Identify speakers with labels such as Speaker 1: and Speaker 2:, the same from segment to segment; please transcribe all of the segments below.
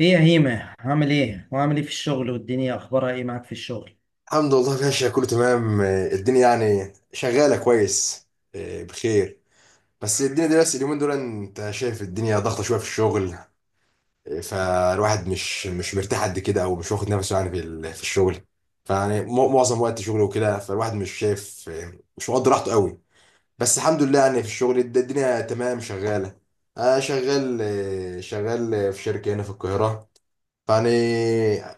Speaker 1: ايه يا هيمة، عامل ايه وعامل ايه في الشغل؟ والدنيا اخبارها ايه معاك في الشغل؟
Speaker 2: الحمد لله، ماشية كله تمام. الدنيا يعني شغالة كويس. آه، بخير. بس الدنيا دي، بس اليومين دول انت شايف الدنيا ضغطة شوية في الشغل. فالواحد مش مرتاح قد كده، او مش واخد نفسه يعني في الشغل. فيعني معظم وقت شغله وكده، فالواحد مش شايف، مش مقدر راحته قوي. بس الحمد لله، يعني في الشغل الدنيا تمام شغالة. شغال، شغال في شركة هنا في القاهرة، يعني.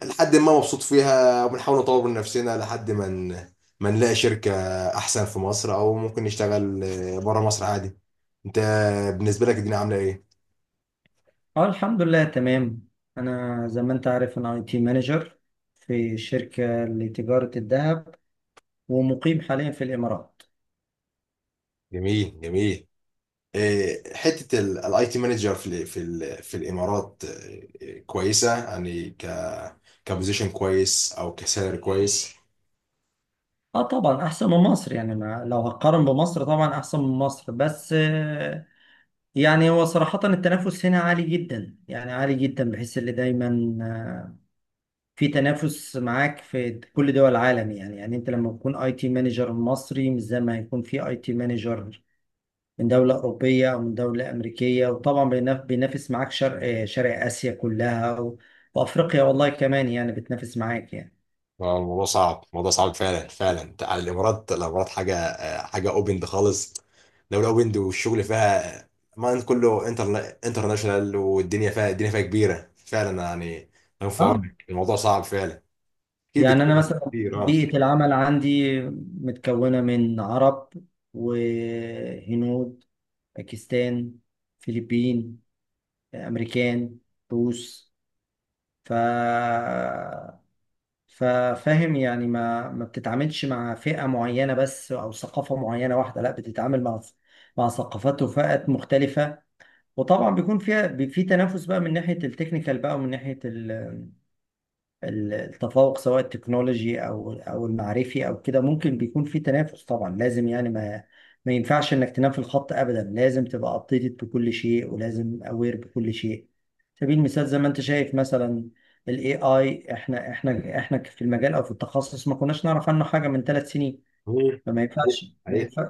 Speaker 2: لحد ما مبسوط فيها، وبنحاول نطور من نفسنا لحد ما ما نلاقي شركة أحسن في مصر، أو ممكن نشتغل بره مصر عادي. أنت بالنسبة لك الدنيا عاملة إيه؟
Speaker 1: اه، الحمد لله تمام. انا زي ما انت عارف انا اي تي مانجر في شركة لتجارة الذهب ومقيم حاليا في الامارات.
Speaker 2: جميل، جميل. إيه، حتة الاي تي مانجر في الامارات، إيه، كويسة يعني، كبوزيشن كويس او كسالري كويس؟
Speaker 1: اه طبعا احسن من مصر، يعني ما لو هقارن بمصر طبعا احسن من مصر، بس يعني هو صراحة التنافس هنا عالي جدا، يعني عالي جدا، بحيث اللي دايما آه، في تنافس معاك في كل دول العالم. يعني يعني انت لما تكون اي تي مانجر مصري مش زي ما هيكون في اي تي مانجر من دولة أوروبية أو من دولة أمريكية، وطبعا بينافس معاك شرق آسيا كلها و... وأفريقيا والله كمان يعني بتنافس معاك يعني.
Speaker 2: الموضوع صعب، الموضوع صعب فعلا فعلا. على الامارات، الامارات حاجه، حاجه اوبند خالص. دوله اوبند، والشغل فيها، ما انت كله انترناشونال. والدنيا فيها الدنيا فيها كبيره فعلا، يعني. أنا في
Speaker 1: اه،
Speaker 2: عونك، الموضوع صعب فعلا. اكيد
Speaker 1: يعني أنا
Speaker 2: بتقابل
Speaker 1: مثلا
Speaker 2: كتير، اه.
Speaker 1: بيئة العمل عندي متكونة من عرب وهنود، باكستان، فلبين، أمريكان، روس، ف ففاهم يعني ما بتتعاملش مع فئة معينة بس أو ثقافة معينة واحدة، لا، بتتعامل مع ثقافات وفئات مختلفة. وطبعا بيكون فيها في تنافس بقى من ناحية التكنيكال بقى ومن ناحية التفوق، سواء التكنولوجي او المعرفي او كده. ممكن بيكون في تنافس، طبعا لازم، يعني ما ينفعش انك تنام في الخط ابدا. لازم تبقى ابديتد بكل شيء، ولازم اوير بكل شيء. سبيل المثال زي ما انت شايف مثلا الاي اي، احنا في المجال او في التخصص ما كناش نعرف عنه حاجه من 3 سنين.
Speaker 2: مم.
Speaker 1: فما ينفعش، ما
Speaker 2: حقيقي.
Speaker 1: ينفعش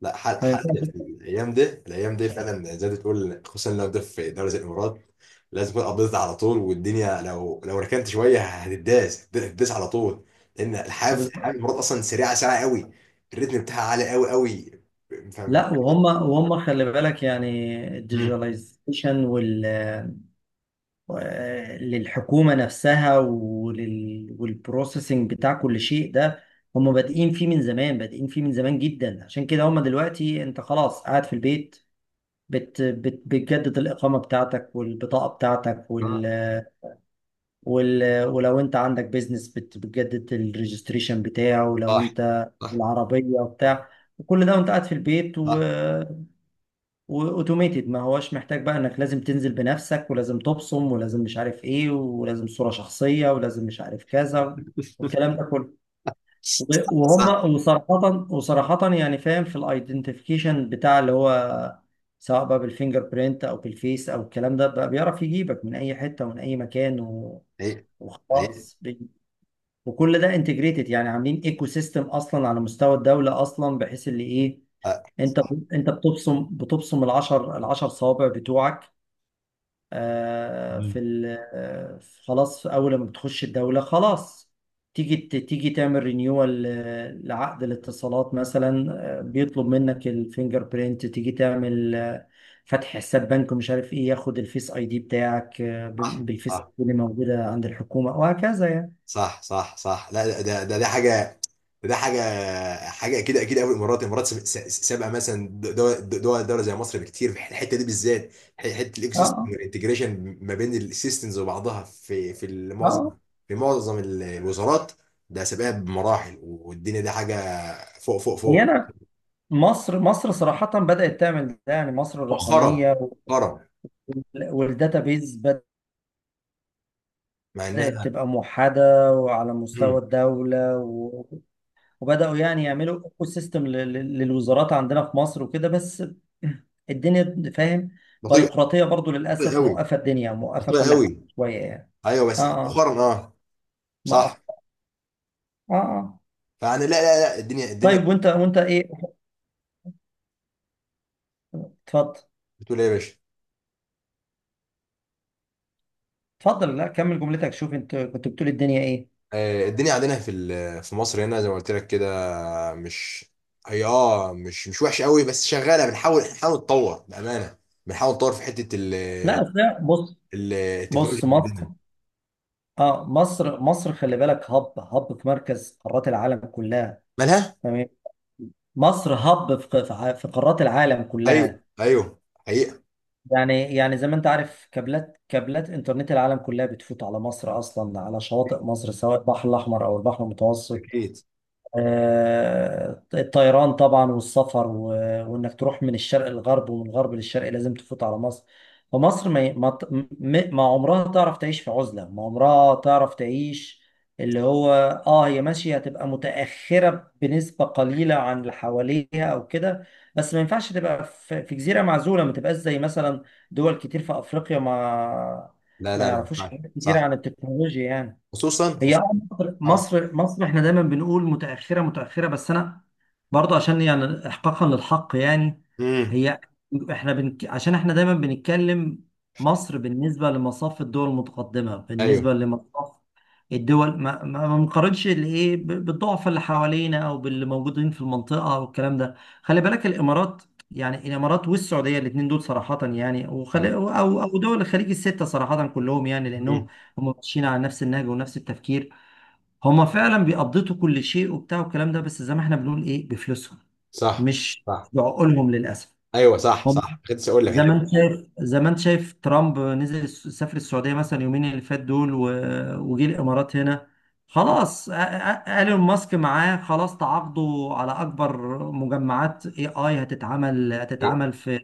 Speaker 2: لا،
Speaker 1: ما
Speaker 2: حد
Speaker 1: ينفعش
Speaker 2: في الايام دي فعلا زي ما تقول، خصوصا لو ده في دوري زي الامارات. لازم تكون قبضت على طول، والدنيا لو ركنت شويه هتداس، هتداس على طول. لان الحياه
Speaker 1: بالظبط.
Speaker 2: في الامارات اصلا سريعه، سريعه قوي. الريتم بتاعها عالي قوي قوي. فاهم.
Speaker 1: لا، وهم، خلي بالك يعني
Speaker 2: مم.
Speaker 1: الديجيتاليزيشن وال للحكومة نفسها ولل... والبروسيسنج بتاع كل شيء ده، هم بادئين فيه من زمان، بادئين فيه من زمان جدا. عشان كده هم دلوقتي انت خلاص قاعد في البيت بتجدد الإقامة بتاعتك والبطاقة بتاعتك
Speaker 2: اه،
Speaker 1: وال... وال... ولو انت عندك بيزنس بتجدد الريجستريشن بتاعه، ولو
Speaker 2: صح
Speaker 1: انت
Speaker 2: صح
Speaker 1: العربية وبتاع، وكل ده وانت قاعد في البيت و...
Speaker 2: صح
Speaker 1: واوتوميتد، ما هوش محتاج بقى انك لازم تنزل بنفسك ولازم تبصم ولازم مش عارف ايه ولازم صورة شخصية ولازم مش عارف كذا والكلام ده كله. وب-
Speaker 2: صح،
Speaker 1: وهم وصراحة، يعني فاهم، في الايدنتيفيكيشن بتاع اللي هو سواء بقى بالفينجر برينت او بالفيس او الكلام ده، بقى بيعرف يجيبك من اي حتة ومن اي مكان و...
Speaker 2: حقيقي حقيقي.
Speaker 1: وخلاص وكل ده انتجريتد. يعني عاملين ايكو سيستم اصلا على مستوى الدولة اصلا، بحيث اللي ايه،
Speaker 2: آه.
Speaker 1: انت انت بتبصم، العشر، صوابع بتوعك في
Speaker 2: مم.
Speaker 1: ال... آه، خلاص اول ما بتخش الدوله خلاص، تيجي تعمل رينيوال لعقد الاتصالات مثلا، بيطلب منك الفينجر برينت. تيجي تعمل فتح حساب بنك ومش عارف ايه، ياخد الفيس اي دي بتاعك،
Speaker 2: صح
Speaker 1: بالفيس اي
Speaker 2: صح
Speaker 1: دي اللي موجوده عند الحكومه، وهكذا يعني.
Speaker 2: صح صح صح. لا، ده حاجه، ده حاجه حاجه، اكيد اكيد قوي. الامارات، الامارات سابقه مثلا، دوله زي مصر بكتير في الحته دي بالذات. حته الايكو
Speaker 1: اه
Speaker 2: سيستم
Speaker 1: اه
Speaker 2: والانتجريشن ما بين السيستمز وبعضها في
Speaker 1: آه،
Speaker 2: في معظم الوزارات. ده سابقها بمراحل، والدنيا دي حاجه فوق، فوق،
Speaker 1: هي
Speaker 2: فوق.
Speaker 1: انا، مصر صراحه بدات تعمل ده، يعني مصر
Speaker 2: مؤخرا،
Speaker 1: الرقميه
Speaker 2: مؤخرا.
Speaker 1: والداتابيز
Speaker 2: مع
Speaker 1: بدأت
Speaker 2: انها.
Speaker 1: تبقى موحدة وعلى
Speaker 2: مم.
Speaker 1: مستوى الدولة و... وبدأوا يعني يعملوا ايكو سيستم للوزارات عندنا في مصر وكده، بس الدنيا فاهم
Speaker 2: بطيئه،
Speaker 1: بيروقراطية برضو
Speaker 2: بطيئه
Speaker 1: للأسف،
Speaker 2: قوي،
Speaker 1: موقفة الدنيا، موقفة
Speaker 2: بطيئه
Speaker 1: كل حاجة
Speaker 2: قوي.
Speaker 1: شوية يعني.
Speaker 2: ايوه
Speaker 1: اه
Speaker 2: بس
Speaker 1: اه،
Speaker 2: مؤخرا، اه.
Speaker 1: ما أخ...
Speaker 2: صح.
Speaker 1: اه اه،
Speaker 2: فانا لا لا لا، الدنيا.
Speaker 1: طيب وانت، ايه؟ اتفضل،
Speaker 2: بتقول ايه يا باشا؟
Speaker 1: لا كمل جملتك. شوف انت كنت بتقول الدنيا ايه؟
Speaker 2: الدنيا عندنا في مصر هنا، زي ما قلت لك كده. مش هي اه مش مش وحشه قوي، بس شغاله. بنحاول نتطور بامانه، بنحاول نتطور في حته
Speaker 1: لا، بص،
Speaker 2: التكنولوجيا
Speaker 1: مصر،
Speaker 2: عندنا.
Speaker 1: اه مصر، خلي بالك، هب في مركز قارات العالم كلها.
Speaker 2: مالها؟
Speaker 1: مصر هب في في قارات العالم
Speaker 2: ايوه
Speaker 1: كلها،
Speaker 2: ايوه، حقيقه.
Speaker 1: يعني، زي ما انت عارف، كابلات انترنت العالم كلها بتفوت على مصر اصلا، على شواطئ مصر، سواء البحر الاحمر او البحر المتوسط.
Speaker 2: اكيد.
Speaker 1: الطيران طبعا والسفر و... وانك تروح من الشرق للغرب ومن الغرب للشرق لازم تفوت على مصر. فمصر ما ي- ما ت- م- ما عمرها تعرف تعيش في عزلة، ما عمرها تعرف تعيش. اللي هو اه، هي ماشية هتبقى متأخرة بنسبة قليلة عن اللي حواليها او كده، بس ما ينفعش تبقى في جزيرة معزولة، ما تبقاش زي مثلا دول كتير في افريقيا،
Speaker 2: لا
Speaker 1: ما
Speaker 2: لا، ما
Speaker 1: يعرفوش
Speaker 2: ينفعش،
Speaker 1: حاجات كتير
Speaker 2: صح.
Speaker 1: عن التكنولوجيا يعني.
Speaker 2: خصوصا،
Speaker 1: هي
Speaker 2: خصوصا.
Speaker 1: آه، مصر
Speaker 2: اه،
Speaker 1: مصر مصر احنا دايما بنقول متأخرة، بس انا برضه عشان يعني احقاقا للحق يعني.
Speaker 2: امم،
Speaker 1: هي احنا بنك... عشان احنا دايما بنتكلم مصر بالنسبة لمصاف الدول المتقدمة،
Speaker 2: ايوه،
Speaker 1: بالنسبة لمصاف الدول، ما بنقارنش الايه بالضعف اللي حوالينا او باللي موجودين في المنطقة او الكلام ده. خلي بالك الامارات، يعني الامارات والسعودية الاثنين دول صراحة، يعني
Speaker 2: اه،
Speaker 1: وخلي او دول الخليج الستة صراحة كلهم، يعني لانهم
Speaker 2: امم.
Speaker 1: هم ماشيين على نفس النهج ونفس التفكير. هم فعلا بيقضوا كل شيء وبتاع والكلام ده، بس زي ما احنا بنقول ايه، بفلوسهم،
Speaker 2: صح
Speaker 1: مش
Speaker 2: صح.
Speaker 1: بعقولهم للاسف.
Speaker 2: ايوه، صح
Speaker 1: هم
Speaker 2: صح، كنت لسه اقول لك
Speaker 1: زي ما انت
Speaker 2: حته.
Speaker 1: شايف، ترامب نزل سافر السعوديه مثلا يومين اللي فات دول و... وجي الامارات هنا. خلاص، ايلون ماسك معاه، خلاص تعاقدوا على اكبر مجمعات اي اي هتتعمل،
Speaker 2: حقيقة.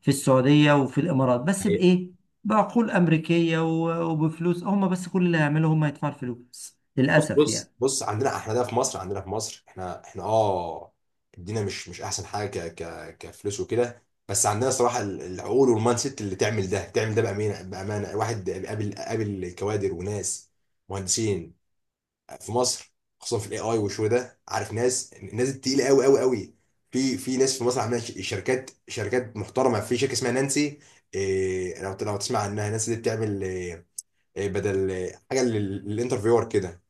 Speaker 1: في السعوديه وفي الامارات، بس بايه؟ بعقول امريكيه و... وبفلوس هم بس. كل اللي هيعملوا هم يدفعوا الفلوس
Speaker 2: بص،
Speaker 1: للاسف
Speaker 2: بص،
Speaker 1: يعني.
Speaker 2: بص، عندنا احنا ده في مصر، عندنا في مصر، احنا اه الدنيا مش احسن حاجه، ك ك كفلوس وكده. بس عندنا صراحه العقول والمايند سيت اللي تعمل ده، تعمل ده بامانه، بامانه. الواحد قابل، كوادر وناس، مهندسين في مصر، خصوصا في الاي اي والشو ده، عارف، ناس، التقيله قوي قوي قوي. في ناس في مصر عامله شركات، محترمه. في شركه اسمها نانسي. إيه، لو تسمع عنها، نانسي دي بتعمل إيه؟ إيه بدل إيه، حاجه للانترفيور كده.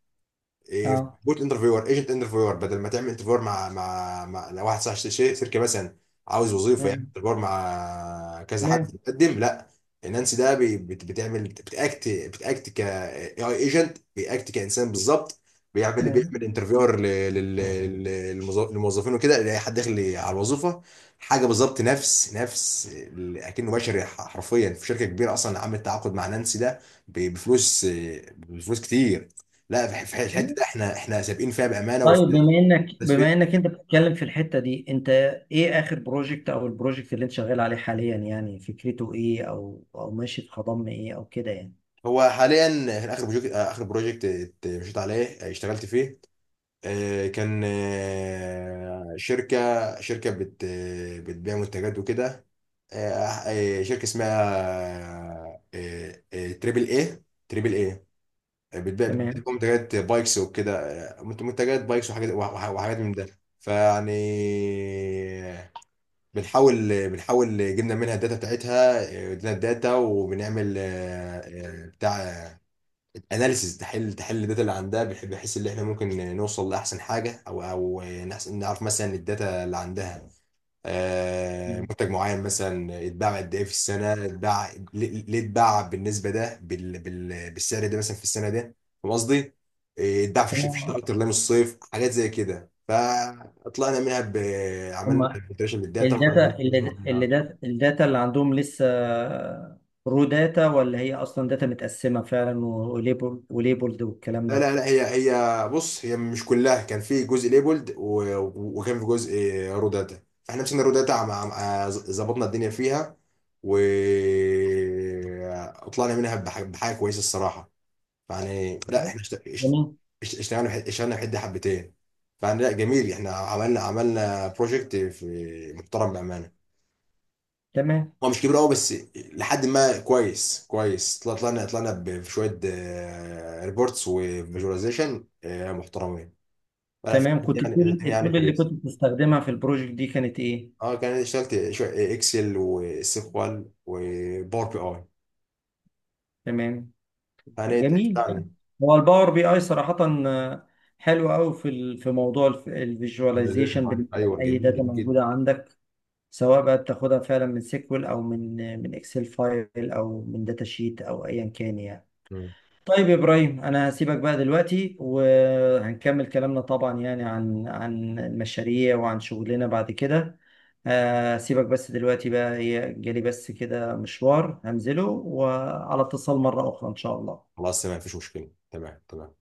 Speaker 2: إيه،
Speaker 1: اه،
Speaker 2: بوت انترفيور، ايجنت انترفيور، بدل ما تعمل انترفيور مع لو واحد صاحب شركه مثلا عاوز وظيفه، يعمل
Speaker 1: أيوة.
Speaker 2: انترفيور مع كذا حد بيقدم. لا، نانسي ده بتعمل، بتاكت، ك اي اي ايجنت، بياكت كانسان بالظبط.
Speaker 1: تمام.
Speaker 2: بيعمل انترفيور للموظفين وكده، يلاقي حد داخل على الوظيفه. حاجه بالظبط، نفس اكنه بشري، حرفيا. في شركه كبيره اصلا عملت تعاقد مع نانسي ده، بفلوس، بفلوس كتير. لا، في في الحته
Speaker 1: أيوة،
Speaker 2: ده احنا سابقين فيها بامانه،
Speaker 1: طيب
Speaker 2: وفي،
Speaker 1: بما انك،
Speaker 2: بس فيه.
Speaker 1: انت بتتكلم في الحتة دي، انت ايه اخر بروجكت او البروجكت اللي انت شغال عليه حاليا؟ يعني فكرته ايه، او ماشي في خضم ايه او كده يعني.
Speaker 2: هو حاليا، في اخر بروجكت، مشيت عليه، اشتغلت فيه، اه، كان، شركه، شركه بتبيع منتجات وكده. اه، اه، شركه اسمها، اه، تريبل اي، تريبل اي، بتبيع
Speaker 1: تمام.
Speaker 2: منتجات بايكس وكده. اه، منتجات بايكس وحاجات، وحاجات من ده، فيعني بنحاول جبنا منها الداتا بتاعتها، ادينا الداتا وبنعمل، بتاع اناليسيز، تحل الداتا اللي عندها، بحيث ان احنا ممكن نوصل لاحسن حاجه، او نعرف مثلا الداتا اللي عندها،
Speaker 1: مم.
Speaker 2: منتج معين مثلا اتباع قد ايه في السنه، اتباع ليه، اتباع بالنسبه ده، بالسعر ده مثلا في السنه ده. فاهم قصدي؟ اتباع في الشتاء
Speaker 1: تمام.
Speaker 2: اكتر لا من الصيف، حاجات زي كده. فطلعنا منها ب، عملنا
Speaker 1: هما
Speaker 2: فلتريشن للداتا، وطلعنا
Speaker 1: الداتا
Speaker 2: منها فلوس
Speaker 1: اللي،
Speaker 2: معينة.
Speaker 1: الداتا اللي عندهم لسه رو داتا، ولا هي اصلا داتا متقسمة فعلا وليبل وليبلد والكلام
Speaker 2: لا
Speaker 1: ده؟
Speaker 2: لا لا، هي هي بص، هي مش كلها، كان في جزء ليبولد، وكان في جزء روداتا، فاحنا مسكنا روداتا، مع ظبطنا الدنيا فيها و طلعنا منها بحاجه كويسه الصراحه. يعني لا
Speaker 1: طيب.
Speaker 2: احنا
Speaker 1: جميل.
Speaker 2: اشتغلنا في حد حبتين. فانا لا جميل، احنا عملنا، بروجكت في محترم بامانه.
Speaker 1: تمام.
Speaker 2: هو مش كبير قوي، بس لحد ما كويس، كويس، طلعنا بشويه، ريبورتس وفيجواليزيشن، محترمين. فلا،
Speaker 1: تمام، كنت
Speaker 2: يعني الدنيا
Speaker 1: تقول
Speaker 2: يعني
Speaker 1: التول اللي
Speaker 2: كويس.
Speaker 1: كنت بتستخدمها في البروجكت دي كانت ايه؟
Speaker 2: اه، كان اشتغلت شويه اكسل وسيكوال وباور بي اي،
Speaker 1: تمام.
Speaker 2: يعني
Speaker 1: جميل يعني.
Speaker 2: اشتغلني.
Speaker 1: هو الباور بي اي صراحة آه، حلو قوي في ال- موضوع الفيجواليزيشن
Speaker 2: فيجواليزيشن،
Speaker 1: بالنسبة
Speaker 2: ايوه،
Speaker 1: لأي
Speaker 2: جميل
Speaker 1: داتا
Speaker 2: جميل جدا.
Speaker 1: موجودة عندك، سواء بقى بتاخدها فعلا من سيكوال أو من من اكسل فايل أو من داتا شيت أو أيا كان يعني.
Speaker 2: مم.
Speaker 1: طيب يا إبراهيم، أنا هسيبك بقى دلوقتي، وهنكمل كلامنا طبعا يعني عن المشاريع وعن شغلنا بعد كده. سيبك بس دلوقتي بقى، هي جالي بس كده مشوار هنزله، وعلى اتصال مرة أخرى إن شاء الله.
Speaker 2: خلاص تمام، مفيش مشكله، تمام تمام.